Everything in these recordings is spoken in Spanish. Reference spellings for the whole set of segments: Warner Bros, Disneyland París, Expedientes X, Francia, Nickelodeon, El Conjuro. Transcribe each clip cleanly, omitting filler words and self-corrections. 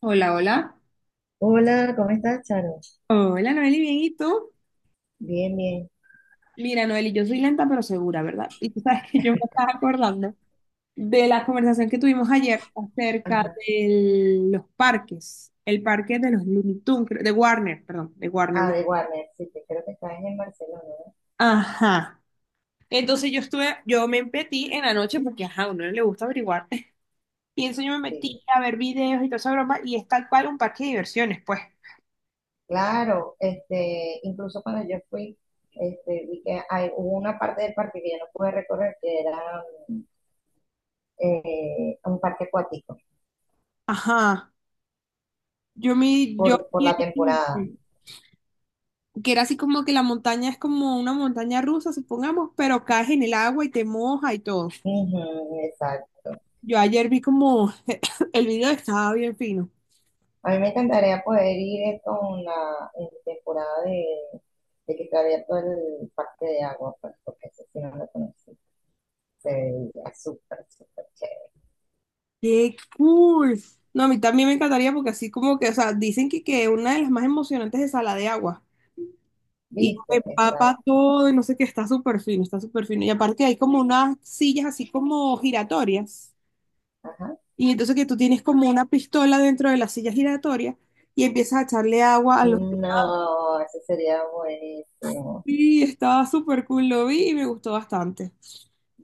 Hola, hola. Hola, ¿cómo estás, Charo? Hola, Noeli, bien, ¿y tú? Bien, bien. Mira, Noeli, yo soy lenta pero segura, ¿verdad? Y tú sabes que yo me estaba acordando de la conversación que tuvimos ayer acerca Ajá. de los parques, el parque de los Looney Tunes, de Warner, perdón, de Warner Ah, Bros. de Warner, sí, que creo que estás en Barcelona, ¿no? Ajá. Entonces yo me metí en la noche porque, ajá, a uno le gusta averiguar. Y entonces yo me metí Sí. a ver videos y toda esa broma y es tal cual un parque de diversiones, pues. Claro, incluso cuando yo fui, vi que hubo una parte del parque que yo no pude recorrer, que era mm, un parque acuático, Ajá. Yo me, yo... por la temporada. que era así como que la montaña es como una montaña rusa, supongamos, pero caes en el agua y te moja y todo. Ujú, exacto. Yo ayer vi como el video estaba bien fino. A mí me encantaría poder ir con la en temporada de que está abierto el parque de agua, pues, porque ese sí no lo conocí. Se veía súper, súper chévere. ¡Qué cool! No, a mí también me encantaría porque así como que, o sea, dicen que una de las más emocionantes es la de agua. Y ¿Viste? empapa Exacto. todo y no sé qué, está súper fino, está súper fino. Y aparte hay como unas sillas así como giratorias. Ajá. Y entonces que tú tienes como una pistola dentro de la silla giratoria y empiezas a echarle agua a los. No, eso sería buenísimo. Sí, estaba súper cool, lo vi y me gustó bastante.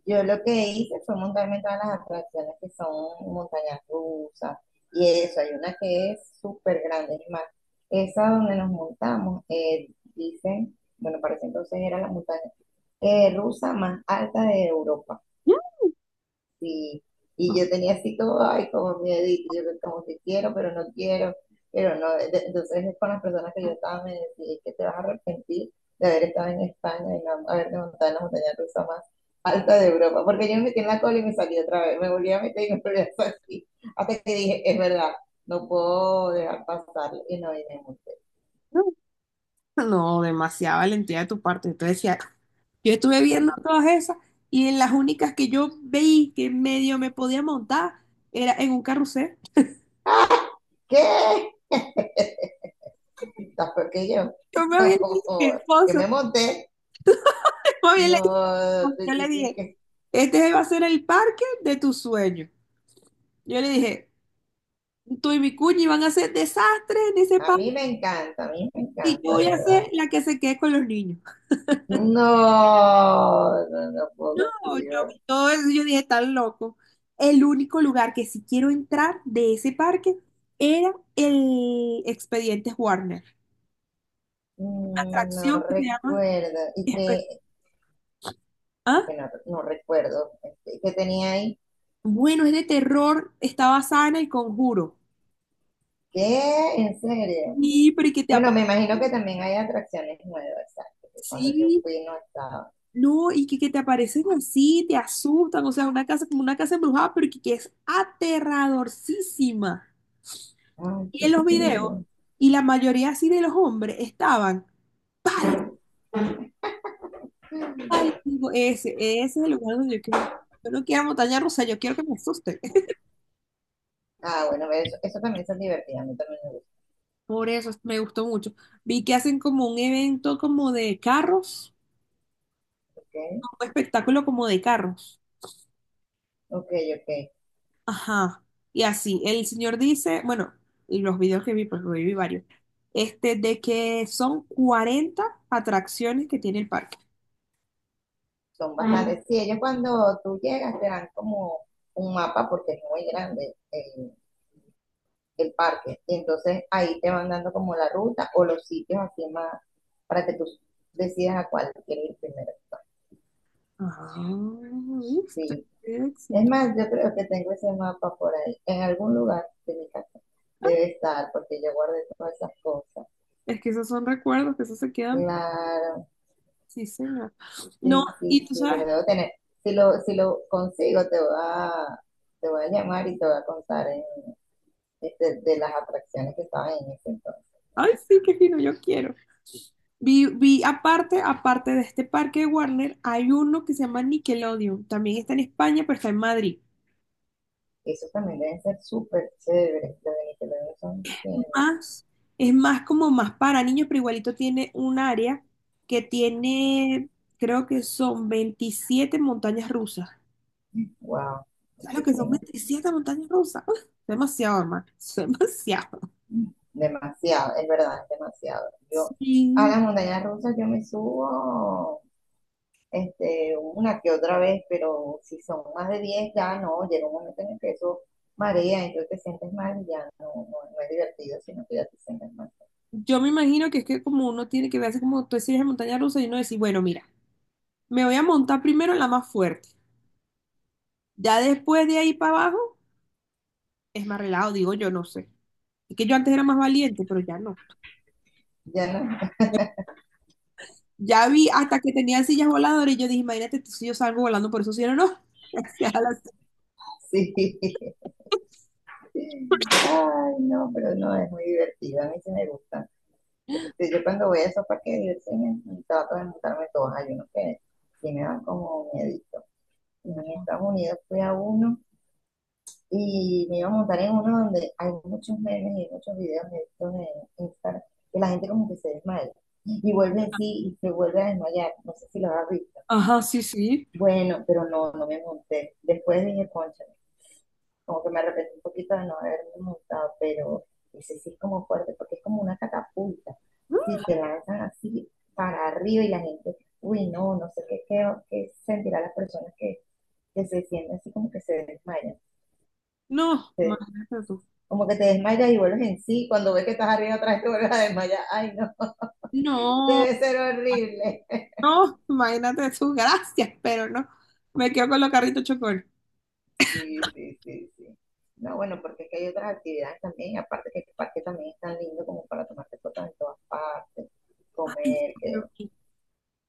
Yo lo que hice fue montarme en todas las atracciones que son montañas rusas y eso. Hay una que es súper grande, es más, esa donde nos montamos, dicen, bueno, para ese entonces era la montaña rusa más alta de Europa. Sí, y yo tenía así como, ay, como miedito, yo como que quiero, pero no, entonces es con las personas que yo estaba me decía "Es que te vas a arrepentir de haber estado en España y no haberte montado en la montaña rusa más alta de Europa, porque yo me metí en la cola y me salí otra vez, me volví a meter y me volví a salir, hasta que dije, es verdad, no puedo dejar pasarlo, y no, y me monté, No, no, demasiada valentía de tu parte. Entonces decía, yo estuve viendo sí. todas esas y en las únicas que yo veí que medio me podía montar era en un carrusel. ¿Qué? ¿Estás peor que yo? Yo me había dicho a mi Yo esposo, me monté, me había le- no. yo le dije, este va a ser el parque de tus sueños. Yo le dije, tú y mi cuñi van a hacer desastres en ese A parque mí me encanta, a mí me y yo encanta, de voy a verdad. ser la que se quede con los niños. No, no, no puedo No, yo contigo. vi todo eso, y yo dije, tan loco. El único lugar que sí quiero entrar de ese parque era el Expedientes Warner. No Atracción que se llama recuerdo. Y Expe- que, es ¿Ah? que no recuerdo. ¿Qué tenía ahí? Bueno, es de terror, está basada en El Conjuro. ¿Qué? ¿En serio? Sí, pero y que te Bueno, me aparecen, imagino que también hay atracciones nuevas, exacto, que cuando yo sí, fui no estaba. no, y que te aparecen así, te asustan, o sea, una casa como una casa embrujada, pero que es aterradorcísima. Ay, Y en qué los videos, fino. y la mayoría así de los hombres estaban. Ay, digo, ese es el lugar donde yo quiero. Yo no quiero montaña rusa, yo quiero que me asusten. Ah, bueno, eso también son divertidas, a mí también me gusta. Por eso me gustó mucho. Vi que hacen como un evento como de carros, Ok, un espectáculo como de carros. ok, ok. Ajá. Y así, el señor dice, bueno, y los videos que vi, pues lo vi varios, de que son 40 atracciones que tiene el parque. Son Ah, bastantes. Sí, ellos cuando tú llegas te dan como un mapa porque es muy grande el parque. Y entonces ahí te van dando como la ruta o los sitios así más para que tú decidas a cuál quieres ir primero. Ah, ¿viste? Sí. Qué Es éxito. más, yo creo que tengo ese mapa por ahí, en algún lugar de mi casa. Debe estar, porque yo guardé todas esas cosas. Es que esos son recuerdos, que esos se quedan. Claro, Sí, señor. No, sí, y sí, tú sí, lo sabes, debo tener. Si lo consigo, te voy a llamar y te voy a contar de las atracciones que estaban en ese entonces. ay, sí, qué fino, yo quiero. Vi aparte, aparte de este parque de Warner, hay uno que se llama Nickelodeon. También está en España, pero está en Madrid. Eso también deben ser súper chéveres, los venezolanos son genios. Más, es más como más para niños, pero igualito tiene un área que tiene, creo que son 27 montañas rusas. Wow, ¿Sabes lo que son muchísimo. 27 montañas rusas? Uf, demasiado, hermano. Es demasiado. Demasiado, es verdad, es demasiado. Yo a Sí, las montañas rusas yo me subo una que otra vez, pero si son más de 10 ya no, llega un momento en el que eso marea, entonces te sientes mal y ya no, no, no es divertido, sino que ya te sientes mal. yo me imagino que es que como uno tiene que verse como tú series de montaña rusa y uno decir, bueno, mira, me voy a montar primero en la más fuerte. Ya después de ahí para abajo. Es más relajado, digo yo, no sé. Es que yo antes era más valiente, pero ya no. Ya no. Ya vi hasta que tenía sillas voladoras y yo dije, imagínate tú si yo salgo volando por esos cielos, no, no. Gracias a las- Sí. Ay, no, pero no, es muy divertido, a mí sí me gusta. Yo cuando voy a esos parques de diversiones trato de montarme todas, hay unos que sí me dan como miedo en Estados Unidos fui a uno y me iba a montar en uno donde hay muchos memes y muchos videos de estos en Instagram que la gente como que se desmaya y vuelve en sí y se vuelve a desmayar. No sé si lo has visto. Ajá, sí, sí. Bueno, pero no, no me monté. Después dije, concha, como que me arrepentí un poquito de no haberme montado, pero ese sí es como fuerte porque es como una catapulta. Si te lanzan así para arriba y la gente, uy, no, no sé qué sentirá las personas que se sienten así como que se desmayan. No, Se imagínate tú. Como que te desmayas y vuelves en sí. Cuando ves que estás arriba otra vez te vuelves a desmayar. Ay, no. No, Debe ser horrible. no, imagínate tú, gracias, pero no. Me quedo con los carritos chocones. Sí, sí, sí, sí. No, bueno, porque es que hay otras actividades también. Aparte que el parque también es tan lindo como para tomarte fotos en todas partes. Ay, Comer, no. que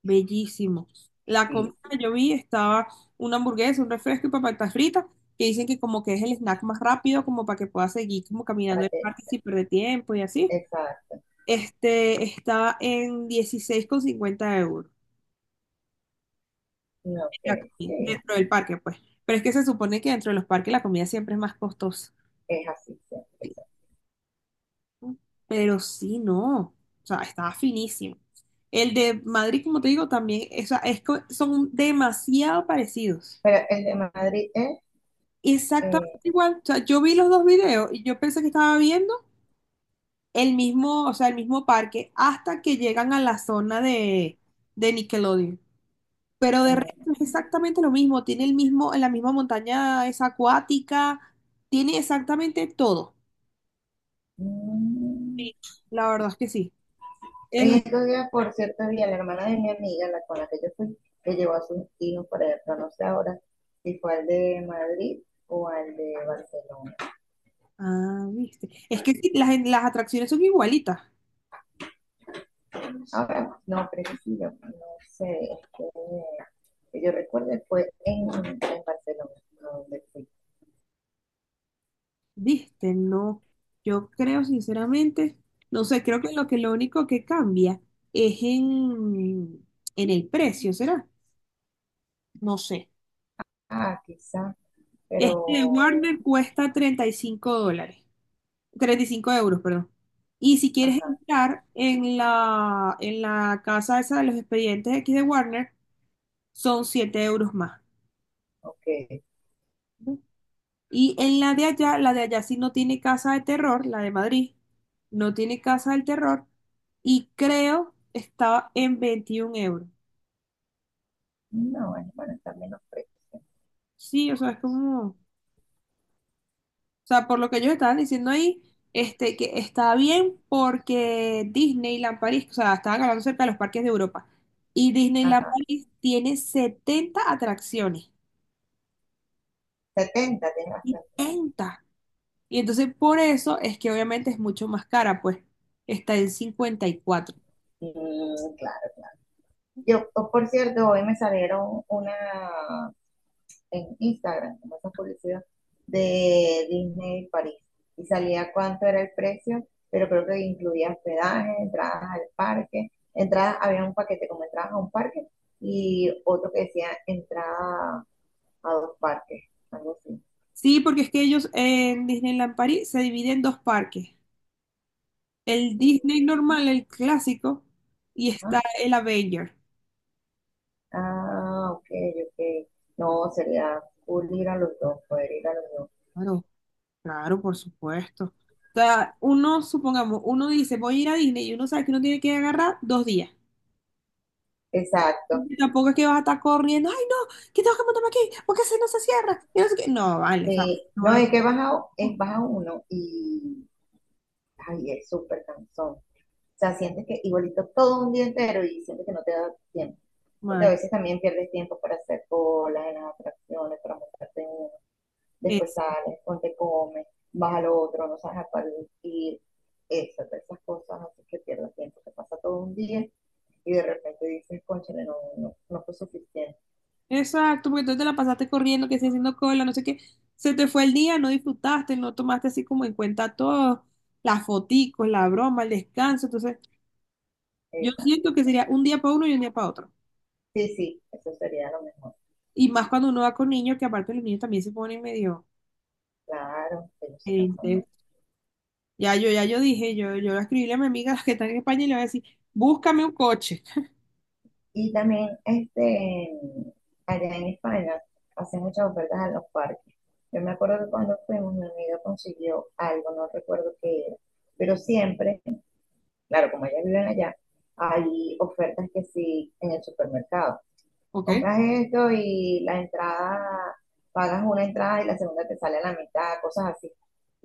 Bellísimo. La comida sí, sí. yo vi estaba una hamburguesa, un refresco y papas fritas, que dicen que como que es el snack más rápido, como para que puedas seguir como caminando Para el que, parque sin perder tiempo y así. exacto. Este estaba en 16,50 euros No, la ok, comida, sí. dentro del parque, pues. Pero es que se supone que dentro de los parques la comida siempre es más costosa. Es así siempre. Exacto. Pero sí, no. O sea, estaba finísimo. El de Madrid, como te digo, también, o sea, son demasiado parecidos. Pero el de Madrid es... Exactamente eh, igual. O sea, yo vi los dos videos y yo pensé que estaba viendo el mismo, o sea, el mismo parque hasta que llegan a la zona de Nickelodeon. Pero de ah, resto es exactamente lo mismo. Tiene el mismo, la misma montaña es acuática, tiene exactamente todo. mm, La verdad es que sí. en El, estos días, por cierto, vi a la hermana de mi amiga, la con la que yo fui, que llevó a sus hijos para allá, pero no sé ahora si fue al de Madrid o al de Barcelona. ah, viste. Es que sí, las atracciones son igualitas. Ahora, no, pero sí, yo no sé, este, que yo recuerdo fue en Barcelona, donde fui. Viste, no. Yo creo sinceramente, no sé, creo que lo único que cambia es en el precio, ¿será? No sé. Ah, quizá, pero, Este Warner cuesta 35 dólares, 35 euros, perdón. Y si quieres ajá, entrar en la casa esa de los expedientes X de Warner, son 7 euros más. ok. Y en la de allá sí no tiene casa de terror, la de Madrid, no tiene casa del terror y creo estaba en 21 euros. No, es bueno, está menos precio. Sí, o sea, es como, o sea, por lo que ellos estaban diciendo ahí, que está bien porque Disneyland París, o sea, estaban hablando cerca de los parques de Europa y Disneyland Ajá, París tiene 70 atracciones, 70 tiene bastante. 70. Y entonces por eso es que obviamente es mucho más cara, pues está en 54. Mm, claro, claro. Yo, oh, por cierto, hoy me salieron una en Instagram, como esa publicidad de Disney París. Y salía cuánto era el precio, pero creo que incluía hospedaje, entradas al parque, entradas, había un paquete como entradas a un parque y otro que decía entrada a dos parques, algo así. Sí, porque es que ellos en Disneyland París se dividen en dos parques. El Disney Y, normal, el clásico, y Ajá. está el Avenger. Ah, ok, ok. No, sería cool ir a los dos, poder ir a los dos. Claro, claro, por supuesto. O sea, uno, supongamos, uno dice, voy a ir a Disney y uno sabe que uno tiene que agarrar 2 días. Exacto. Y tampoco es que vas a estar corriendo, ay no, que tengo que montarme aquí, porque si no se cierra, y no sé qué". No, vale, o sea, Sí, no no, es es baja uno y ay, es súper cansón. O sea, sientes que igualito todo un día entero y sientes que no te da tiempo. Porque a normal. veces también pierdes tiempo para hacer colas en las atracciones, para montarte en uno. Después sales, ponte comes, vas al otro, no sabes a cuál ir. Eso, todas esas cosas así que pierdes tiempo. Te pasa todo un día y de repente dices, cónchale, no, no, no fue suficiente. Exacto, porque tú te la pasaste corriendo, que sí, haciendo cola, no sé qué. Se te fue el día, no disfrutaste, no tomaste así como en cuenta todo, las foticos, la broma, el descanso. Entonces, yo Exacto, siento que sería exacto. un día para uno y un día para otro. Sí, sí, eso sería lo mejor. Y más cuando uno va con niños, que aparte los niños también se ponen medio Claro, ellos se cansan más. gente. Ya yo dije, yo escribí a mi amiga las que está en España y le voy a decir, búscame un coche, Y también, allá en España, hacen muchas ofertas a los parques. Yo me acuerdo que cuando fuimos, mi amiga consiguió algo, no recuerdo qué era, pero siempre, claro, como ellas viven allá, hay ofertas que sí en el supermercado. ¿ok? Compras esto y la entrada, pagas una entrada y la segunda te sale a la mitad, cosas así.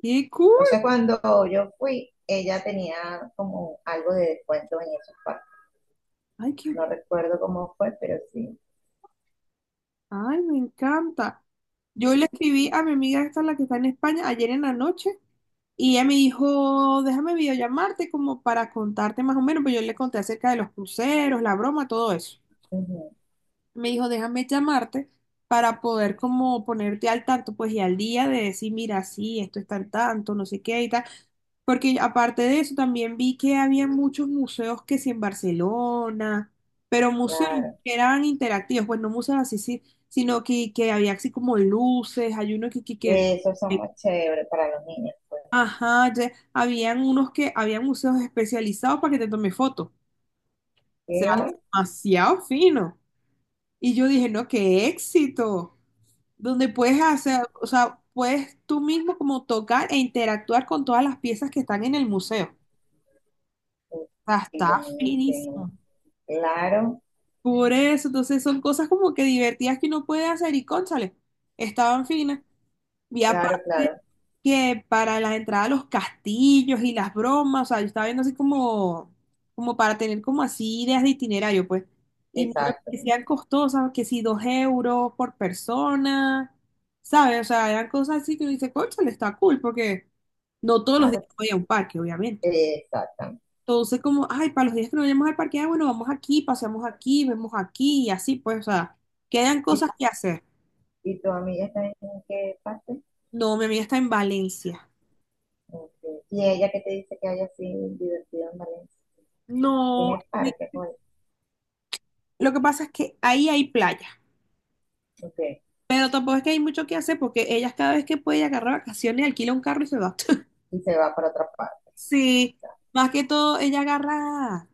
¡Qué cool! Entonces, cuando yo fui, ella tenía como algo de descuento en esos parques. ¡Ay, qué No recuerdo cómo fue, pero sí. Ay, me encanta. Sí, Yo le sí. escribí a mi amiga esta, la que está en España, ayer en la noche, y ella me dijo, déjame videollamarte como para contarte más o menos, pues yo le conté acerca de los cruceros, la broma, todo eso Ujú, me dijo, déjame llamarte para poder como ponerte al tanto, pues y al día de decir, mira, sí, esto está al tanto, no sé qué y tal. Porque aparte de eso, también vi que había muchos museos que sí en Barcelona, pero museos claro. que eran interactivos, pues no museos así, sí, sino que había así como luces, hay uno Esos son muy chéveres para los niños, pues. ajá, habían museos especializados para que te tome fotos. O sea, ¿Qué? demasiado fino. Y yo dije, no, qué éxito, donde puedes hacer, o sea, puedes tú mismo como tocar e interactuar con todas las piezas que están en el museo. Uf. O sea, Y está buenísimo. finísimo. Claro, Por eso, entonces son cosas como que divertidas que uno puede hacer y cónchale, estaban finas. Y claro, aparte claro. que para las entradas a los castillos y las bromas, o sea, yo estaba viendo así como, para tener como así ideas de itinerario, pues. Y no me Exacto. parecían costosas, que si 2 euros por persona, ¿sabes? O sea, eran cosas así que uno dice, cónchale, está cool, porque no todos los días Claro. voy a un parque, obviamente. Exactamente. Entonces, como, ay, para los días que no vayamos al parque, ah, bueno, vamos aquí, paseamos aquí, vemos aquí, y así, pues, o sea, quedan ¿Y, cosas que hacer. y tu amiga está en qué parte? No, mi amiga está en Valencia. Ok. ¿Y ella qué te dice que hay así divertido en Valencia? No. Tiene parque, pues. Lo que pasa es que ahí hay playa, Ok. pero tampoco es que hay mucho que hacer porque ellas cada vez que puede agarra vacaciones, alquila un carro y se va. Y se va para otra parte. Sí, más que todo ella agarra,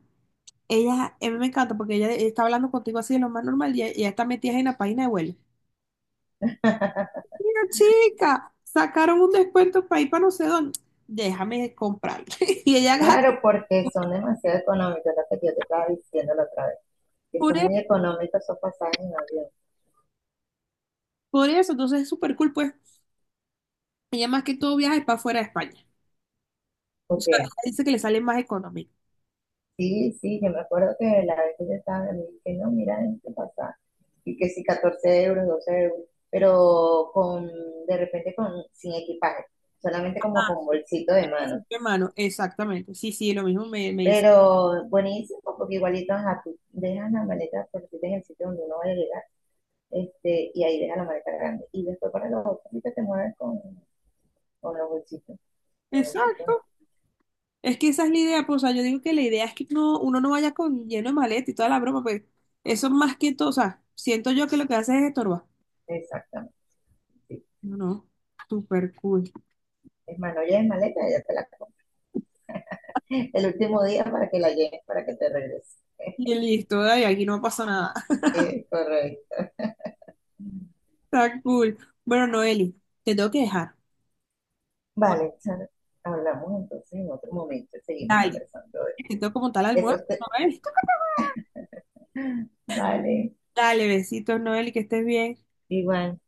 ella, a mí me encanta porque ella está hablando contigo así de lo más normal y ella está metida en la página de vuelo. Mira, chica, sacaron un descuento para ir para no sé dónde, déjame comprarlo. Y ella agarra, Claro, porque son demasiado económicos, lo que yo te estaba diciendo la otra vez. Que por, son e- muy económicos esos pasajes en avión. por eso, entonces es súper cool, pues ella más que todo viaja es para fuera de España. O Ok, sea, ella dice que le sale más económico. sí, sí, yo me acuerdo que la vez que yo estaba, me dije, no, mira este pasaje, y que sí, 14 euros, 12 euros, pero de repente con, sin equipaje, solamente como con bolsito de mano. Sí, hermano, exactamente. Sí, sí, lo mismo me dice. Pero buenísimo, porque igualito ajá, tú dejas la maleta por si en el sitio donde uno va a llegar, y ahí dejas la maleta grande. Y después para los otros sí que te mueves con los bolsitos. Los bolsitos, Exacto. Es que esa es la idea, pues, o sea, yo digo que la idea es que no, uno no vaya con lleno de maleta y toda la broma, pues eso más que todo, o sea, siento yo que lo que hace es estorbar. exactamente. Sí. No, no, súper cool. Es más, no lleves maleta, ya te la el último día para que la lleves, para que te regrese. Y listo, dale, aquí no pasó nada. Correcto. Está cool. Bueno, Noeli, te tengo que dejar. Vale, Charo, hablamos entonces en otro momento, seguimos Dale, conversando. Te tengo como tal almuerzo, Entonces, Noeli. vale, Dale, besitos, Noeli, que estés bien. igual.